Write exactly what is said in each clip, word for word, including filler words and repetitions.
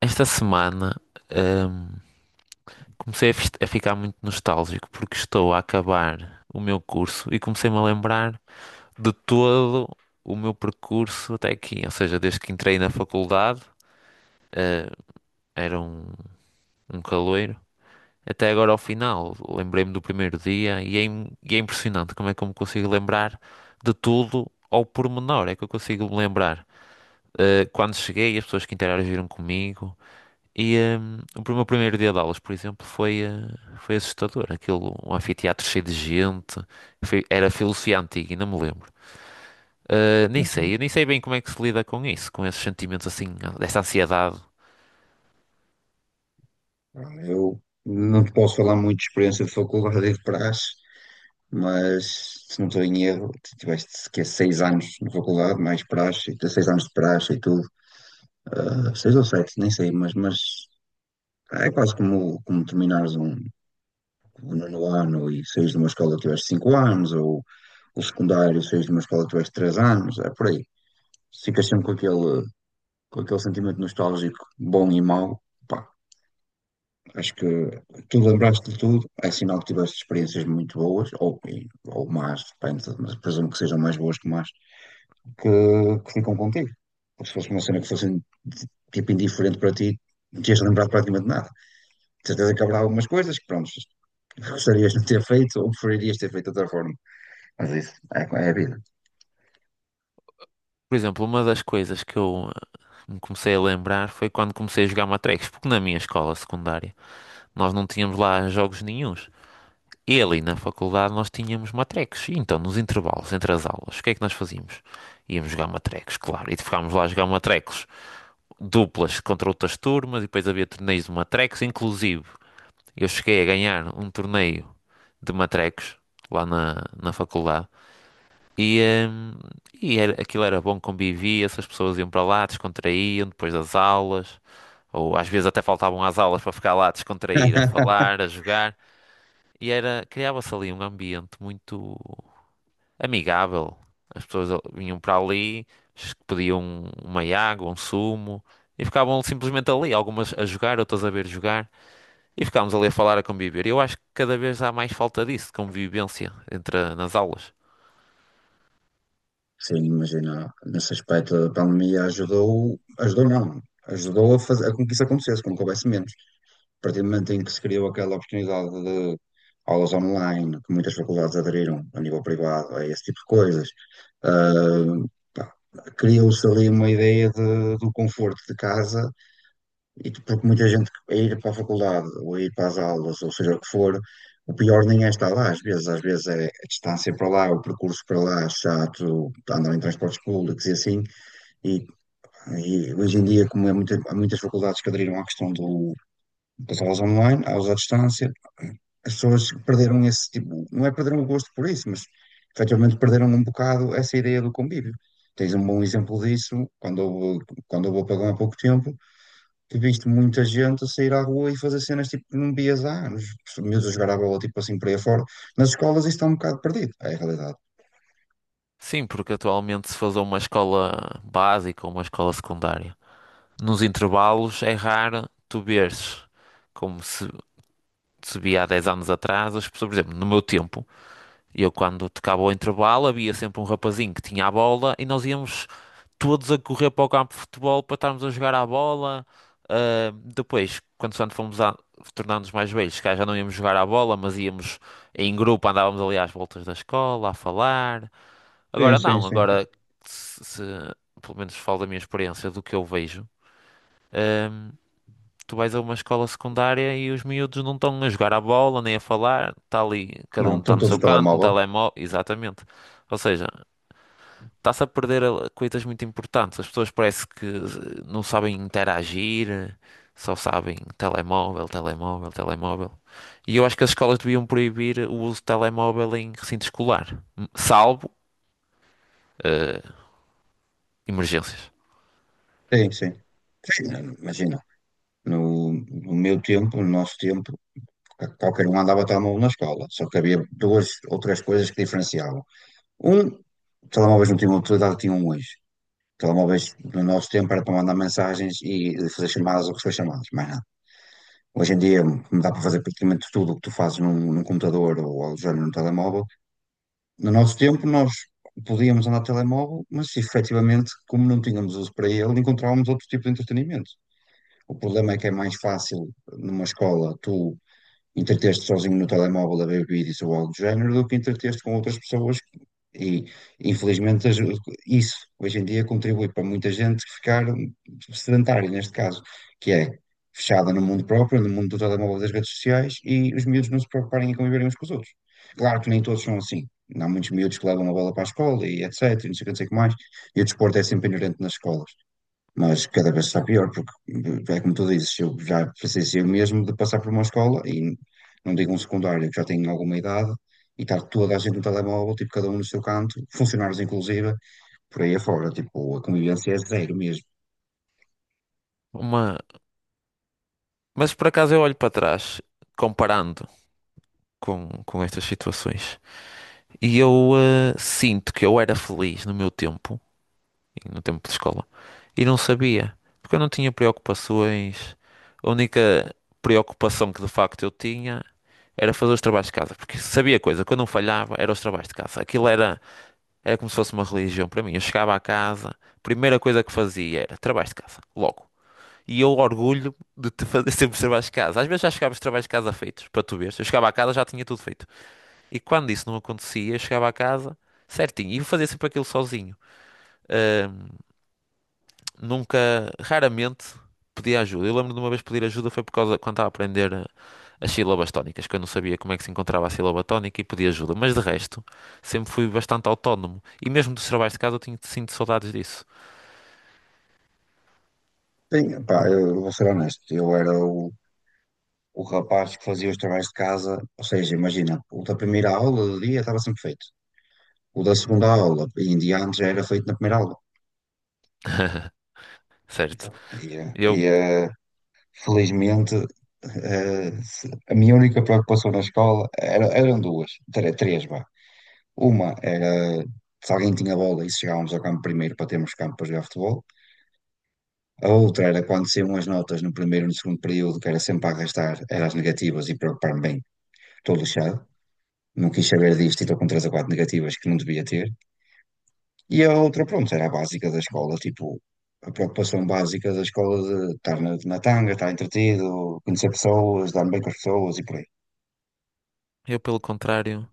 Esta semana, ahm, comecei a, fis- a ficar muito nostálgico porque estou a acabar o meu curso e comecei-me a lembrar de todo o meu percurso até aqui. Ou seja, desde que entrei na faculdade, ah, era um, um caloiro, até agora ao final. Lembrei-me do primeiro dia e é, im- e é impressionante como é que eu me consigo lembrar de tudo ao pormenor. É que eu consigo me lembrar. Ah, quando cheguei, as pessoas que interagiram comigo. E hum, o meu primeiro dia de aulas, por exemplo, foi, eh, foi assustador. Aquilo, um anfiteatro cheio de gente. Foi- era filosofia antiga, ainda me lembro. Eh, nem Mas, sim, sei, eu nem sei bem como é que se lida com isso, com esses sentimentos assim, dessa ansiedade. eu não te posso falar muito de experiência de faculdade e de praxe, mas se não estou em erro, tu tiveste que é seis anos na faculdade, mais praxe, tens seis anos de praxe e tudo. Ah, seis ou sete, nem sei, mas, mas é quase como, como, terminares um, um nono ano e saís de uma escola que tiveste cinco anos, ou o secundário, saís de uma escola que tiveste três anos, é por aí. Ficas sempre com aquele, com aquele sentimento nostálgico bom e mau. Acho que tu lembraste de tudo, é sinal que tiveste experiências muito boas, ou, e- ou más, depende, mas presumo que sejam mais boas que más, que, que ficam contigo. Porque se fosse uma cena que fosse de- tipo indiferente para ti, não tinhas lembrado praticamente nada. De certeza que haverá algumas coisas que, pronto, gostarias de ter feito ou preferirias ter feito de outra forma. Mas isso é, é a vida. Por exemplo, uma das coisas que eu eh, me comecei a lembrar foi quando comecei a jogar matrecos, porque na minha escola secundária nós não tínhamos lá jogos nenhuns. E ali na faculdade nós tínhamos matrecos, e então nos intervalos entre as aulas, o que é que nós fazíamos? Íamos jogar matrecos, claro, e ficámos lá a jogar matrecos, duplas contra outras turmas, e depois havia torneios de matrecos. Inclusive, eu cheguei a ganhar um torneio de matrecos lá na, na faculdade. E, hum, e era- aquilo era bom, convivia-se, as pessoas iam para lá, descontraíam depois das aulas, ou às vezes até faltavam às aulas para ficar lá a descontrair, a falar, a jogar. E era, criava-se ali um ambiente muito amigável. As pessoas vinham para ali, s- pediam um, uma água, um sumo, e ficavam simplesmente ali, algumas a jogar, outras a ver jogar, e ficávamos ali a falar, a conviver. Eu acho que cada vez há mais falta disso, de convivência entre a- nas aulas. Sim, imagina, nesse aspecto a pandemia ajudou, ajudou não, ajudou a, fazer, a com que isso acontecesse, com que houvesse menos. A partir do momento em que se criou aquela oportunidade de aulas online, que muitas faculdades aderiram a nível privado a esse tipo de coisas, ah, pá, criou-se ali uma ideia de- do conforto de casa, e tu- porque muita gente a ir para a faculdade, ou a ir para as aulas, ou seja o que for, o pior nem é estar lá, às vezes, às vezes é a distância para lá, o percurso para lá, chato, andar em transportes públicos e assim, e, e hoje em dia, como é muita- há muitas faculdades que aderiram à questão do, das aulas online, aulas à distância, as pessoas perderam esse tipo, não é perderam o gosto por isso, mas efetivamente perderam um bocado essa ideia do convívio. Tens um bom exemplo disso quando eu vou, quando eu vou para lá há pouco tempo, que viste muita gente a sair à rua e fazer cenas tipo que não vias há anos. Os miúdos a jogar a bola tipo assim por aí fora. Nas escolas isto está um bocado perdido, é a realidade. Sim, porque atualmente se faz uma escola básica ou uma escola secundária. Nos intervalos é raro tu veres como se, se via há dez anos atrás, as pessoas, por exemplo, no meu tempo, eu quando tocava o intervalo havia sempre um rapazinho que tinha a bola, e nós íamos todos a correr para o campo de futebol para estarmos a jogar à bola. Ah, depois, quando quando fomos a tornar-nos mais velhos, se calhar já não íamos jogar à bola, mas íamos em grupo, andávamos ali às voltas da escola a falar. Sim, Agora sim, não. sim. Agora se, se- pelo menos falo da minha experiência, do que eu vejo. ah, Tu vais a uma escola secundária e os miúdos não estão a jogar à bola nem a falar, está ali, cada Não, um está estão no todos seu no canto, no telemóvel. telemóvel, exatamente. Ou seja, Está-se a perder a- coisas muito importantes. As pessoas parece que eh, não sabem interagir, eh, só sabem telemóvel, telemóvel, telemóvel. E eu acho que as escolas deviam proibir o uso de telemóvel em recinto escolar, m- salvo eh, emergências. Sim, sim. Sim, imagina, no, no meu tempo, no nosso tempo, qualquer um andava telemóvel na escola, só que havia duas ou três coisas que diferenciavam. Um, telemóveis não tinham utilidade, tinham hoje. Telemóveis no nosso tempo era para mandar mensagens e fazer chamadas ou receber chamadas, mais nada. Hoje em dia como dá para fazer praticamente tudo o que tu fazes num, num computador ou algo do género num telemóvel. No nosso tempo nós podíamos andar de telemóvel, mas efetivamente, como não tínhamos uso para ele, encontrávamos outro tipo de entretenimento. O problema é que é mais fácil numa escola tu entreter-te sozinho no telemóvel a ver vídeos ou algo do género do que entreter-te com outras pessoas. E infelizmente as- isso hoje em dia contribui para muita gente ficar sedentária, neste caso, que é fechada no mundo próprio, no mundo do telemóvel das redes sociais e os miúdos não se preocuparem em conviverem uns com os outros. Claro que nem todos são assim. Há muitos miúdos que levam a bola para a escola e etc, e não sei o que não sei o que mais. E o desporto é sempre inerente nas escolas. Mas cada vez está pior, porque é como tu dizes, eu já precisei eu mesmo de passar por uma escola, e não digo um secundário, que já tenho alguma idade, e estar toda a gente no telemóvel, tipo, cada um no seu canto, funcionários inclusive, por aí afora, tipo, a convivência é zero mesmo. Uma... Mas por acaso eu olho para trás, comparando com, com estas situações, e eu, eh, sinto que eu era feliz no meu tempo, no tempo de escola. E não sabia, porque eu não tinha preocupações. A única preocupação que de facto eu tinha era fazer os trabalhos de casa, porque sabia coisa, quando eu não falhava era os trabalhos de casa. Aquilo era, era como se fosse uma religião para mim. Eu chegava à casa, a primeira coisa que fazia era trabalhos de casa, logo. E eu orgulho de te fazer sempre os trabalhos de casa. Às vezes já chegava os trabalhos de casa feitos, para tu veres. Eu chegava à casa já tinha tudo feito. E quando isso não acontecia, eu chegava à casa certinho e fazia sempre aquilo sozinho. Nunca, raramente pedi ajuda. Eu lembro de uma vez pedir ajuda, foi por causa quando estava a aprender, eh, as sílabas tónicas, que eu não sabia como é que se encontrava a sílaba tónica, e pedi ajuda. Mas de resto, sempre fui bastante autónomo. E mesmo dos trabalhos de casa eu tinha, sinto saudades disso. Sim, pá, eu vou ser honesto, eu era o, o rapaz que fazia os trabalhos de casa, ou seja, imagina, o da primeira aula do dia estava sempre feito, o da segunda aula, e em diante já era feito na primeira aula. Certo. Então, e, eh, e, Eu, eh, felizmente, eh, se- a minha única preocupação na escola era- eram duas, tre- três, vá. Uma era se alguém tinha bola e se chegávamos ao campo primeiro para termos campo para jogar futebol. A outra era quando saíam as notas no primeiro e no segundo período, que era sempre a arrastar, eram as negativas e preocupar-me bem, estou lixado. Não quis saber disto e estou com três ou quatro negativas que não devia ter. E a outra, pronto, era a básica da escola, tipo, a preocupação básica da escola de estar na, na tanga, estar entretido, conhecer pessoas, dar-me bem com as pessoas e por aí. eu pelo contrário,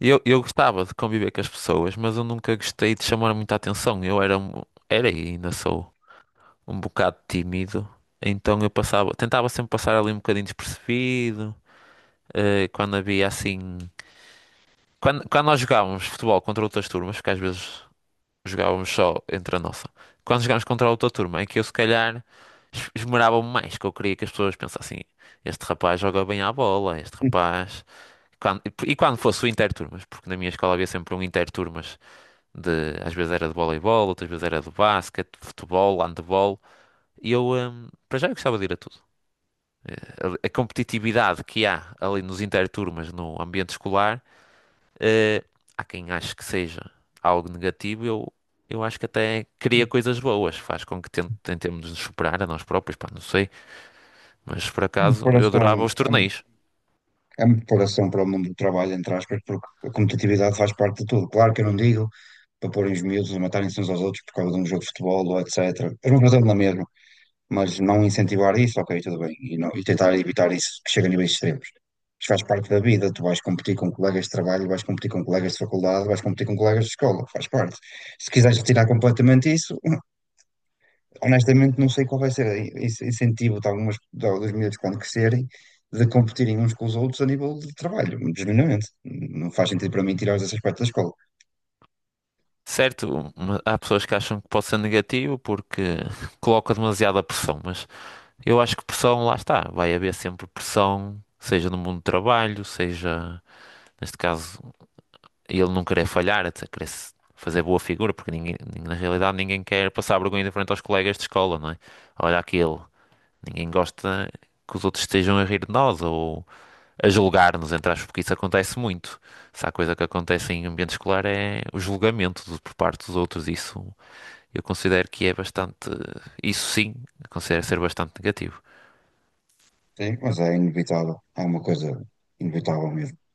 eu, eu gostava de conviver com as pessoas, mas eu nunca gostei de chamar muita atenção. Eu era, um- era e ainda sou um bocado tímido, então eu passava, tentava sempre passar ali um bocadinho despercebido, eh, quando havia assim. Quando, quando nós jogávamos futebol contra outras turmas, porque às vezes jogávamos só entre a nossa, quando jogávamos contra outra turma, é que eu se calhar es- esmerava-me mais, que eu queria que as pessoas pensassem, este rapaz joga bem à bola, este rapaz. Quando- e quando fosse o interturmas, porque na minha escola havia sempre um interturmas de, às vezes era de voleibol, outras vezes era de basquete, futebol, handebol, e eu, hum, para já eu gostava de ir a tudo. A, a competitividade que há ali nos interturmas no ambiente escolar. Eh, Há quem ache que seja algo negativo. eu, eu acho que até cria coisas boas, faz com que ten- tentemos nos superar a nós próprios, pá, não sei, mas por acaso eu adorava Preparação, os é, torneios. é uma preparação para o mundo do trabalho, entre aspas, porque a competitividade faz parte de tudo. Claro que eu não digo para porem os miúdos a matarem-se uns aos outros por causa de um jogo de futebol ou et cetera. É uma coisa na mesma, mas não incentivar isso, ok, tudo bem, e, não- e tentar evitar isso que chega a níveis extremos. Isto faz parte da vida, tu vais competir com colegas de trabalho, vais competir com colegas de faculdade, vais competir com colegas de escola, faz parte. Se quiseres retirar completamente isso, honestamente, não sei qual vai ser esse incentivo de algumas, de, dos miúdos quando crescerem de competirem uns com os outros a nível de trabalho, genuinamente. Não faz sentido para mim tirar esse aspecto da escola, Certo, uma- há pessoas que acham que pode ser negativo porque coloca demasiada pressão, mas eu acho que pressão, lá está, vai haver sempre pressão, seja no mundo do trabalho, seja, neste caso, e ele não querer falhar, até querer se- fazer boa figura, porque ninguém, ninguém- na realidade ninguém quer passar vergonha de frente aos colegas de escola, não é? Olha aquilo, ninguém gosta que os outros estejam a rir de nós ou a julgar-nos, entre aspas, porque isso acontece muito. Se há coisa que acontece em ambiente escolar é o julgamento do- por parte dos outros, isso eu considero que é bastante, isso sim, considero ser bastante negativo. sim, mas é inevitável, é uma coisa inevitável mesmo.